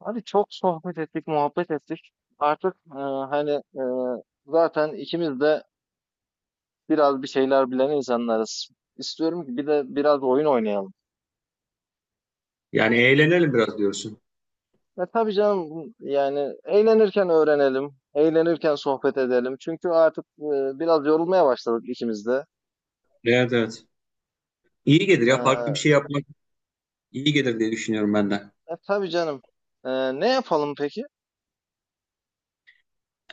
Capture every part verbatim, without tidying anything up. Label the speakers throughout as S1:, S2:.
S1: Abi çok sohbet ettik, muhabbet ettik. Artık e, hani e, zaten ikimiz de biraz bir şeyler bilen insanlarız. İstiyorum ki bir de biraz oyun oynayalım.
S2: Yani eğlenelim biraz diyorsun.
S1: Ya tabii canım yani eğlenirken öğrenelim, eğlenirken sohbet edelim. Çünkü artık e, biraz yorulmaya başladık ikimiz de.
S2: Evet, evet. İyi gelir ya, farklı bir
S1: E,
S2: şey yapmak iyi gelir diye düşünüyorum ben de.
S1: e, tabii canım. E, Ne yapalım peki?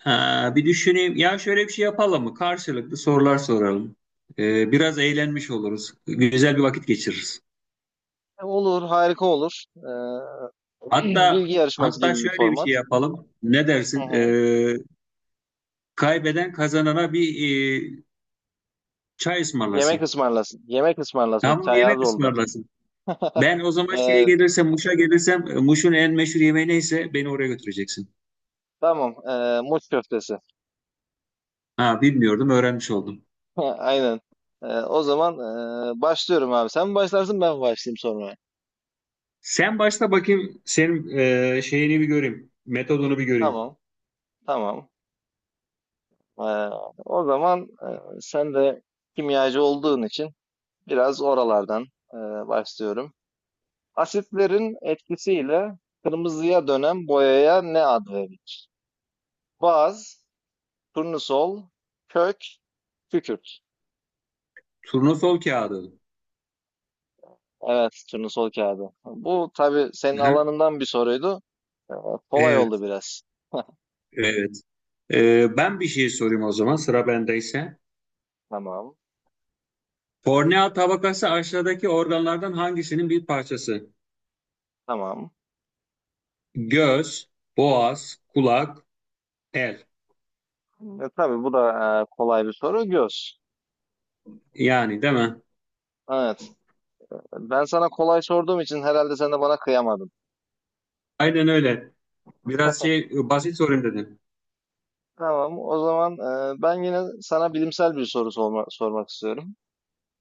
S2: Ha, bir düşüneyim. Ya şöyle bir şey yapalım mı? Karşılıklı sorular soralım. Ee, biraz eğlenmiş oluruz. Güzel bir vakit geçiririz.
S1: E, olur, harika olur. E,
S2: Hatta
S1: bilgi yarışması
S2: hatta
S1: gibi bir
S2: şöyle bir şey
S1: format.
S2: yapalım. Ne
S1: Hı
S2: dersin?
S1: hı.
S2: Ee, kaybeden kazanana bir e, çay
S1: Yemek
S2: ısmarlasın.
S1: ısmarlasın. Yemek ısmarlasın.
S2: Tamam,
S1: Çay az
S2: yemek
S1: oldu.
S2: ısmarlasın. Ben o zaman şeye
S1: Eee,
S2: gelirsem, Muş'a gelirsem, e, Muş'un en meşhur yemeği neyse beni oraya götüreceksin.
S1: tamam. Eee muç köftesi.
S2: Ha, bilmiyordum, öğrenmiş oldum.
S1: Aynen. Eee, o zaman eee, başlıyorum abi. Sen mi başlarsın ben mi başlayayım sonra?
S2: Sen başla bakayım, senin e, şeyini bir göreyim. Metodunu bir göreyim.
S1: Tamam. Tamam. Eee, O zaman eee, sen de kimyacı olduğun için biraz oralardan eee, başlıyorum. Asitlerin etkisiyle kırmızıya dönen boyaya ne ad verilir? Baz, turnusol, kök, kükürt.
S2: Turnusol kağıdı.
S1: Evet, turnusol kağıdı. Bu tabii senin
S2: Hı-hı.
S1: alanından bir soruydu. Ee, Kolay oldu
S2: Evet,
S1: biraz.
S2: evet. E, ben bir şey sorayım o zaman, sıra bendeyse.
S1: Tamam,
S2: Kornea tabakası aşağıdaki organlardan hangisinin bir parçası?
S1: tamam.
S2: Göz, boğaz, kulak, el.
S1: E, tabii bu da e, kolay bir soru. Göz.
S2: Yani değil mi?
S1: Evet. Ben sana kolay sorduğum için herhalde sen de bana kıyamadın.
S2: Aynen öyle. Biraz şey e, basit sorayım dedim.
S1: Tamam, o zaman e, ben yine sana bilimsel bir soru sorma- sormak istiyorum.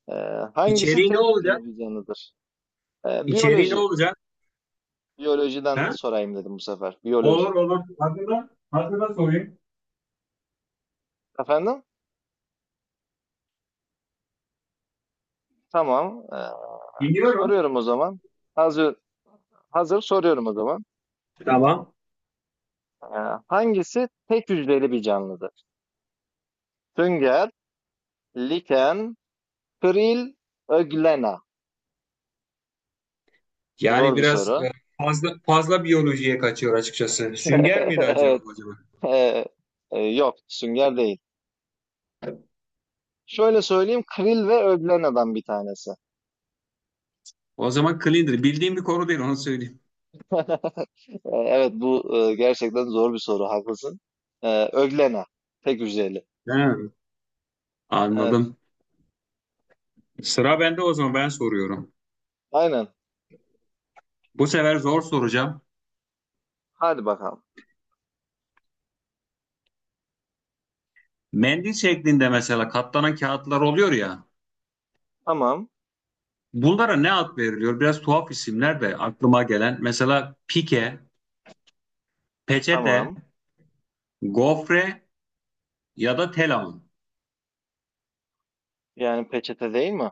S1: E, Hangisi
S2: İçeriği ne
S1: tek
S2: olacak?
S1: hücreli bir canlıdır? E,
S2: İçeriği ne
S1: biyoloji.
S2: olacak?
S1: Biyolojiden
S2: Ha?
S1: sorayım dedim bu sefer. Biyoloji.
S2: Olur olur. Hazırla, hazırla sorayım.
S1: Efendim? Tamam. E,
S2: Dinliyorum.
S1: soruyorum o zaman. Hazır, Hazır soruyorum o zaman.
S2: Tamam.
S1: Ee, Hangisi tek hücreli bir canlıdır? Sünger, liken, kril, öglena.
S2: Yani
S1: Zor bir
S2: biraz
S1: soru.
S2: e, fazla fazla biyolojiye kaçıyor açıkçası. Sünger miydi acaba
S1: Evet.
S2: acaba?
S1: e, e, Yok, sünger değil. Şöyle söyleyeyim, kril ve öglena'dan bir tanesi.
S2: O zaman cleaner. Bildiğim bir konu değil, onu söyleyeyim.
S1: Ee, Evet, bu e, gerçekten zor bir soru, haklısın. Ee, öglena, tek hücreli.
S2: Ha,
S1: Evet,
S2: anladım. Sıra bende, o zaman ben soruyorum.
S1: aynen.
S2: Bu sefer zor soracağım.
S1: Hadi bakalım.
S2: Mendil şeklinde mesela katlanan kağıtlar oluyor ya.
S1: Tamam,
S2: Bunlara ne ad veriliyor? Biraz tuhaf isimler de aklıma gelen. Mesela pike, peçete,
S1: tamam.
S2: gofre ya da telamon.
S1: Yani peçete değil mi?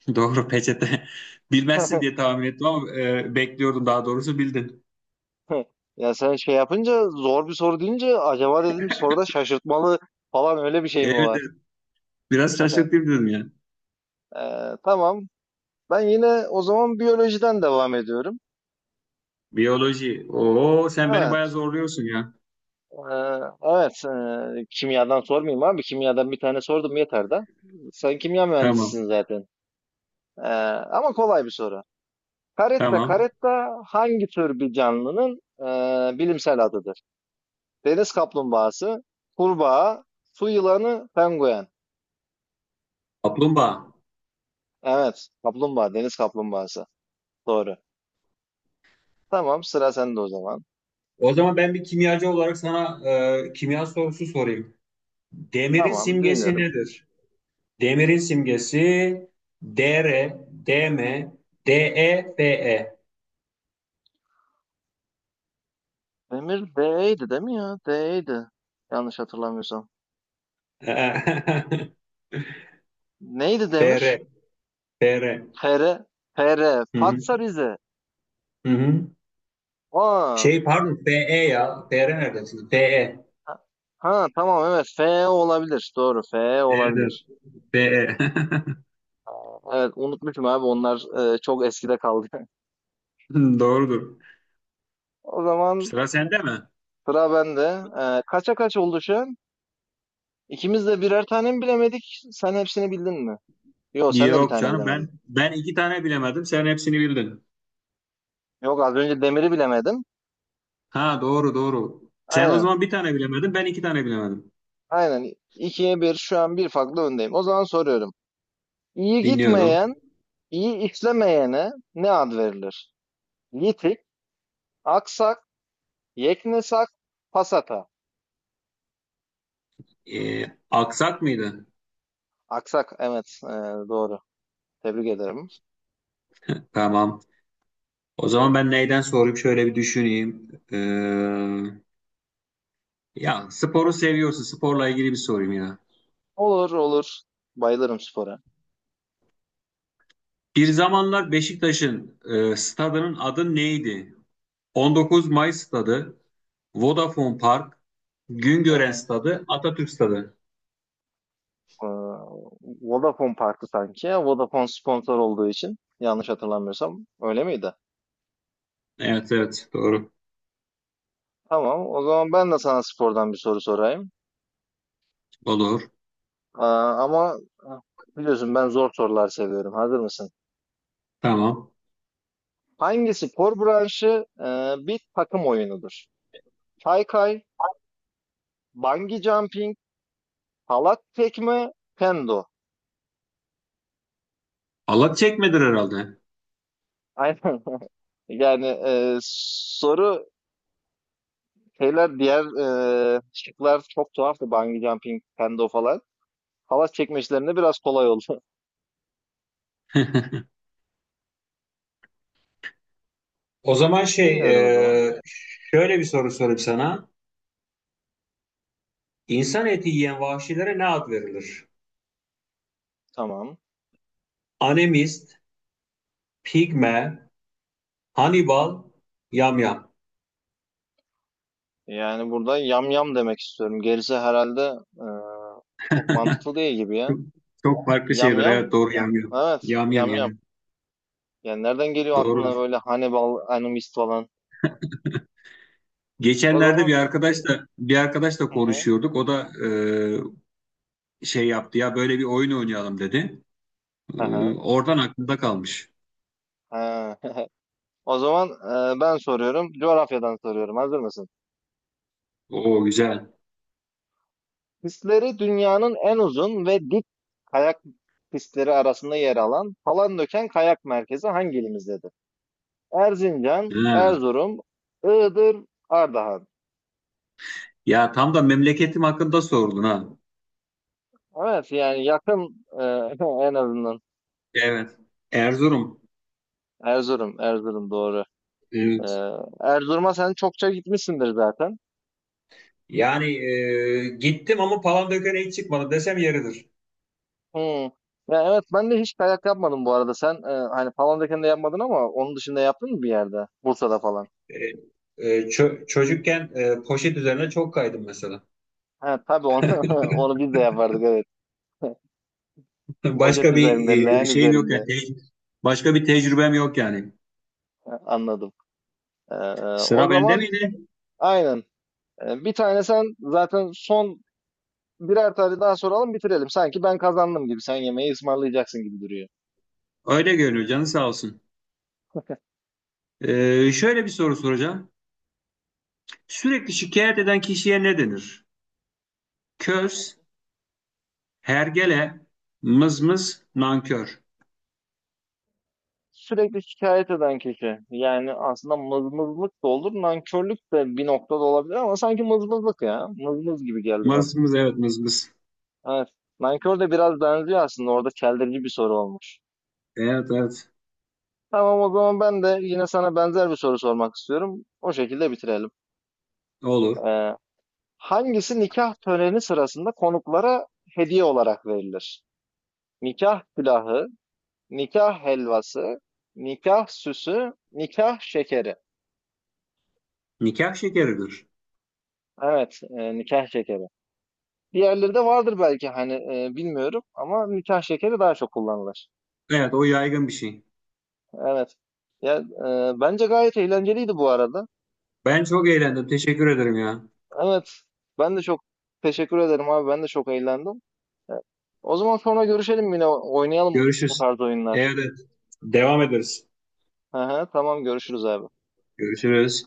S2: Doğru, peçete. Bilmezsin diye tahmin ettim ama e, bekliyordum, daha doğrusu bildin.
S1: Heh. Ya sen şey yapınca zor bir soru deyince acaba dedim soruda şaşırtmalı falan öyle bir şey mi
S2: Evet,
S1: var?
S2: evet. Biraz şaşırtayım dedim ya.
S1: Ee, tamam. Ben yine o zaman biyolojiden devam ediyorum.
S2: Biyoloji. Oo, sen beni bayağı
S1: Evet.
S2: zorluyorsun ya.
S1: Ee, evet. Ee, kimyadan sormayayım abi. Kimyadan bir tane sordum yeter de. Sen kimya mühendisisin
S2: Tamam.
S1: zaten. Ee, Ama kolay bir soru. Caretta
S2: Tamam.
S1: caretta hangi tür bir canlının ee, bilimsel adıdır? Deniz kaplumbağası, kurbağa, su yılanı, penguen.
S2: Kaplumbağa.
S1: Evet. Kaplumbağa. Deniz kaplumbağası. Doğru. Tamam. Sıra sende o zaman.
S2: O zaman ben bir kimyacı olarak sana e, kimya sorusu sorayım. Demirin
S1: Tamam.
S2: simgesi
S1: Dinliyorum.
S2: nedir? Demirin simgesi D R, D M, D E.
S1: Demir D'ydi değil mi ya? D'ydi. Yanlış hatırlamıyorsam.
S2: Dr, Dm, De,
S1: Neydi
S2: Fe.
S1: Demir?
S2: F, Fr.
S1: Fere. Fere.
S2: Hı hı.
S1: Fatsa Rize.
S2: Hı hı.
S1: Aa.
S2: Şey pardon, F E ya. F, Fr neredesin? Fe.
S1: Ha, ha, tamam evet. F olabilir. Doğru. F
S2: Nerede?
S1: olabilir.
S2: F E.
S1: Evet. Unutmuşum abi. Onlar e, çok eskide kaldı.
S2: Doğrudur.
S1: O zaman
S2: Sıra sende mi?
S1: sıra bende. E, kaça kaç oldu şu an? İkimiz de birer tane mi bilemedik? Sen hepsini bildin mi? Yok, sen de bir
S2: Yok
S1: tane
S2: canım, ben
S1: bilemedin.
S2: ben iki tane bilemedim. Sen hepsini bildin.
S1: Yok az önce demiri bilemedim.
S2: Ha, doğru doğru. Sen o
S1: Aynen.
S2: zaman bir tane bilemedin. Ben iki tane bilemedim.
S1: Aynen. ikiye bir, şu an bir farklı öndeyim. O zaman soruyorum. İyi
S2: Dinliyorum.
S1: gitmeyen, iyi işlemeyene ne ad verilir? Yitik, aksak, yeknesak, pasata.
S2: Ee, aksak mıydı?
S1: Aksak evet, e, doğru. Tebrik ederim.
S2: Tamam. O zaman ben neyden sorayım? Şöyle bir düşüneyim. Ee, ya sporu seviyorsun. Sporla ilgili bir sorayım ya.
S1: Olur olur. Bayılırım spora.
S2: Bir zamanlar Beşiktaş'ın e, stadının adı neydi? on dokuz Mayıs stadı, Vodafone Park,
S1: Hı
S2: Güngören
S1: hı.
S2: stadı, Atatürk stadı.
S1: Ee, Vodafone Park'tı sanki. Vodafone sponsor olduğu için yanlış hatırlamıyorsam öyle miydi?
S2: Evet evet, doğru.
S1: Tamam. O zaman ben de sana spordan bir soru sorayım.
S2: Olur.
S1: Aa, ama ah, Biliyorsun ben zor sorular seviyorum. Hazır mısın?
S2: Tamam.
S1: Hangi spor branşı e, bir takım oyunudur? Kaykay, bungee jumping, halat tekme, kendo.
S2: Allah çekmedir herhalde.
S1: Aynen. Yani e, soru şeyler diğer e, şıklar çok tuhaftı. Bungee jumping, kendo falan. Halat çekme işlerinde biraz kolay oldu.
S2: O zaman şey,
S1: Bilmiyorum o zaman.
S2: e, şöyle bir soru sorayım sana. İnsan eti yiyen vahşilere ne ad verilir?
S1: Tamam.
S2: Animist, pigme, Hannibal, yamyam.
S1: Yani burada yam yam demek istiyorum. Gerisi herhalde e, çok mantıklı değil gibi ya.
S2: Çok, çok farklı
S1: Yam
S2: şeyler. Evet,
S1: yam.
S2: doğru, yamyam.
S1: Evet,
S2: Yamyam,
S1: yam yam.
S2: yamyam.
S1: Yani nereden geliyor
S2: Doğru.
S1: aklına böyle Hannibal Animist falan? O
S2: Geçenlerde
S1: zaman
S2: bir arkadaşla bir arkadaşla
S1: hı hı,
S2: konuşuyorduk. O da e, şey yaptı ya, böyle bir oyun oynayalım dedi. E,
S1: hı
S2: oradan aklımda kalmış.
S1: ha. O zaman e, ben soruyorum, coğrafyadan soruyorum. Hazır mısın?
S2: Oo, güzel.
S1: Pistleri dünyanın en uzun ve dik kayak pistleri arasında yer alan Palandöken Kayak Merkezi hangi ilimizdedir? Erzincan,
S2: He.
S1: Erzurum, Iğdır, Ardahan.
S2: Ya tam da memleketim hakkında sordun ha.
S1: Evet, yani yakın e, en azından.
S2: Evet. Erzurum.
S1: Erzurum, Erzurum doğru. E,
S2: Evet.
S1: Erzurum'a sen çokça gitmişsindir zaten.
S2: Yani e, gittim ama Palandöken'e hiç çıkmadım desem yeridir.
S1: Hımm. Ya, evet, ben de hiç kayak yapmadım bu arada. Sen, eee, hani, Palandöken'de yapmadın ama onun dışında yaptın mı bir yerde? Bursa'da falan.
S2: E, e, çö- Çocukken e, poşet üzerine çok kaydım mesela.
S1: Ha, tabii onu onu biz de yapardık, evet. Poşet
S2: Başka bir
S1: üzerinde,
S2: e,
S1: leğen
S2: şeyim yok
S1: üzerinde.
S2: yani. Te- Başka bir tecrübem yok yani.
S1: Ha, anladım. Eee, O
S2: Sıra bende
S1: zaman
S2: miydi?
S1: aynen. Eee, bir tane sen zaten son birer tane daha soralım, bitirelim. Sanki ben kazandım gibi. Sen yemeği ısmarlayacaksın gibi duruyor.
S2: Öyle görünüyor, canı sağ olsun. Ee, şöyle bir soru soracağım. Sürekli şikayet eden kişiye ne denir?
S1: Tamam.
S2: Köz, hergele, mızmız, nankör.
S1: Sürekli şikayet eden kişi. Yani aslında mızmızlık da olur, nankörlük de bir noktada olabilir ama sanki mızmızlık ya. Mızmız gibi geldi bana.
S2: Mızmız, evet, mızmız.
S1: Evet. Nankör de biraz benziyor aslında. Orada çeldirici bir soru olmuş.
S2: Evet evet,
S1: Tamam o zaman ben de yine sana benzer bir soru sormak istiyorum. O şekilde bitirelim.
S2: olur.
S1: Ee, Hangisi nikah töreni sırasında konuklara hediye olarak verilir? Nikah külahı, nikah helvası, nikah süsü, nikah şekeri.
S2: Nikah şekeridir.
S1: Evet, e, nikah şekeri. Diğerleri de vardır belki hani e, bilmiyorum ama nikah şekeri daha çok kullanılır.
S2: Evet, o yaygın bir şey.
S1: Evet. Ya e, bence gayet eğlenceliydi bu arada.
S2: Ben çok eğlendim. Teşekkür ederim ya.
S1: Evet. Ben de çok teşekkür ederim abi. Ben de çok eğlendim. E, O zaman sonra görüşelim yine oynayalım bu
S2: Görüşürüz.
S1: tarz oyunlar.
S2: Evet, evet. Devam ederiz.
S1: Hı hı, tamam görüşürüz abi.
S2: Görüşürüz.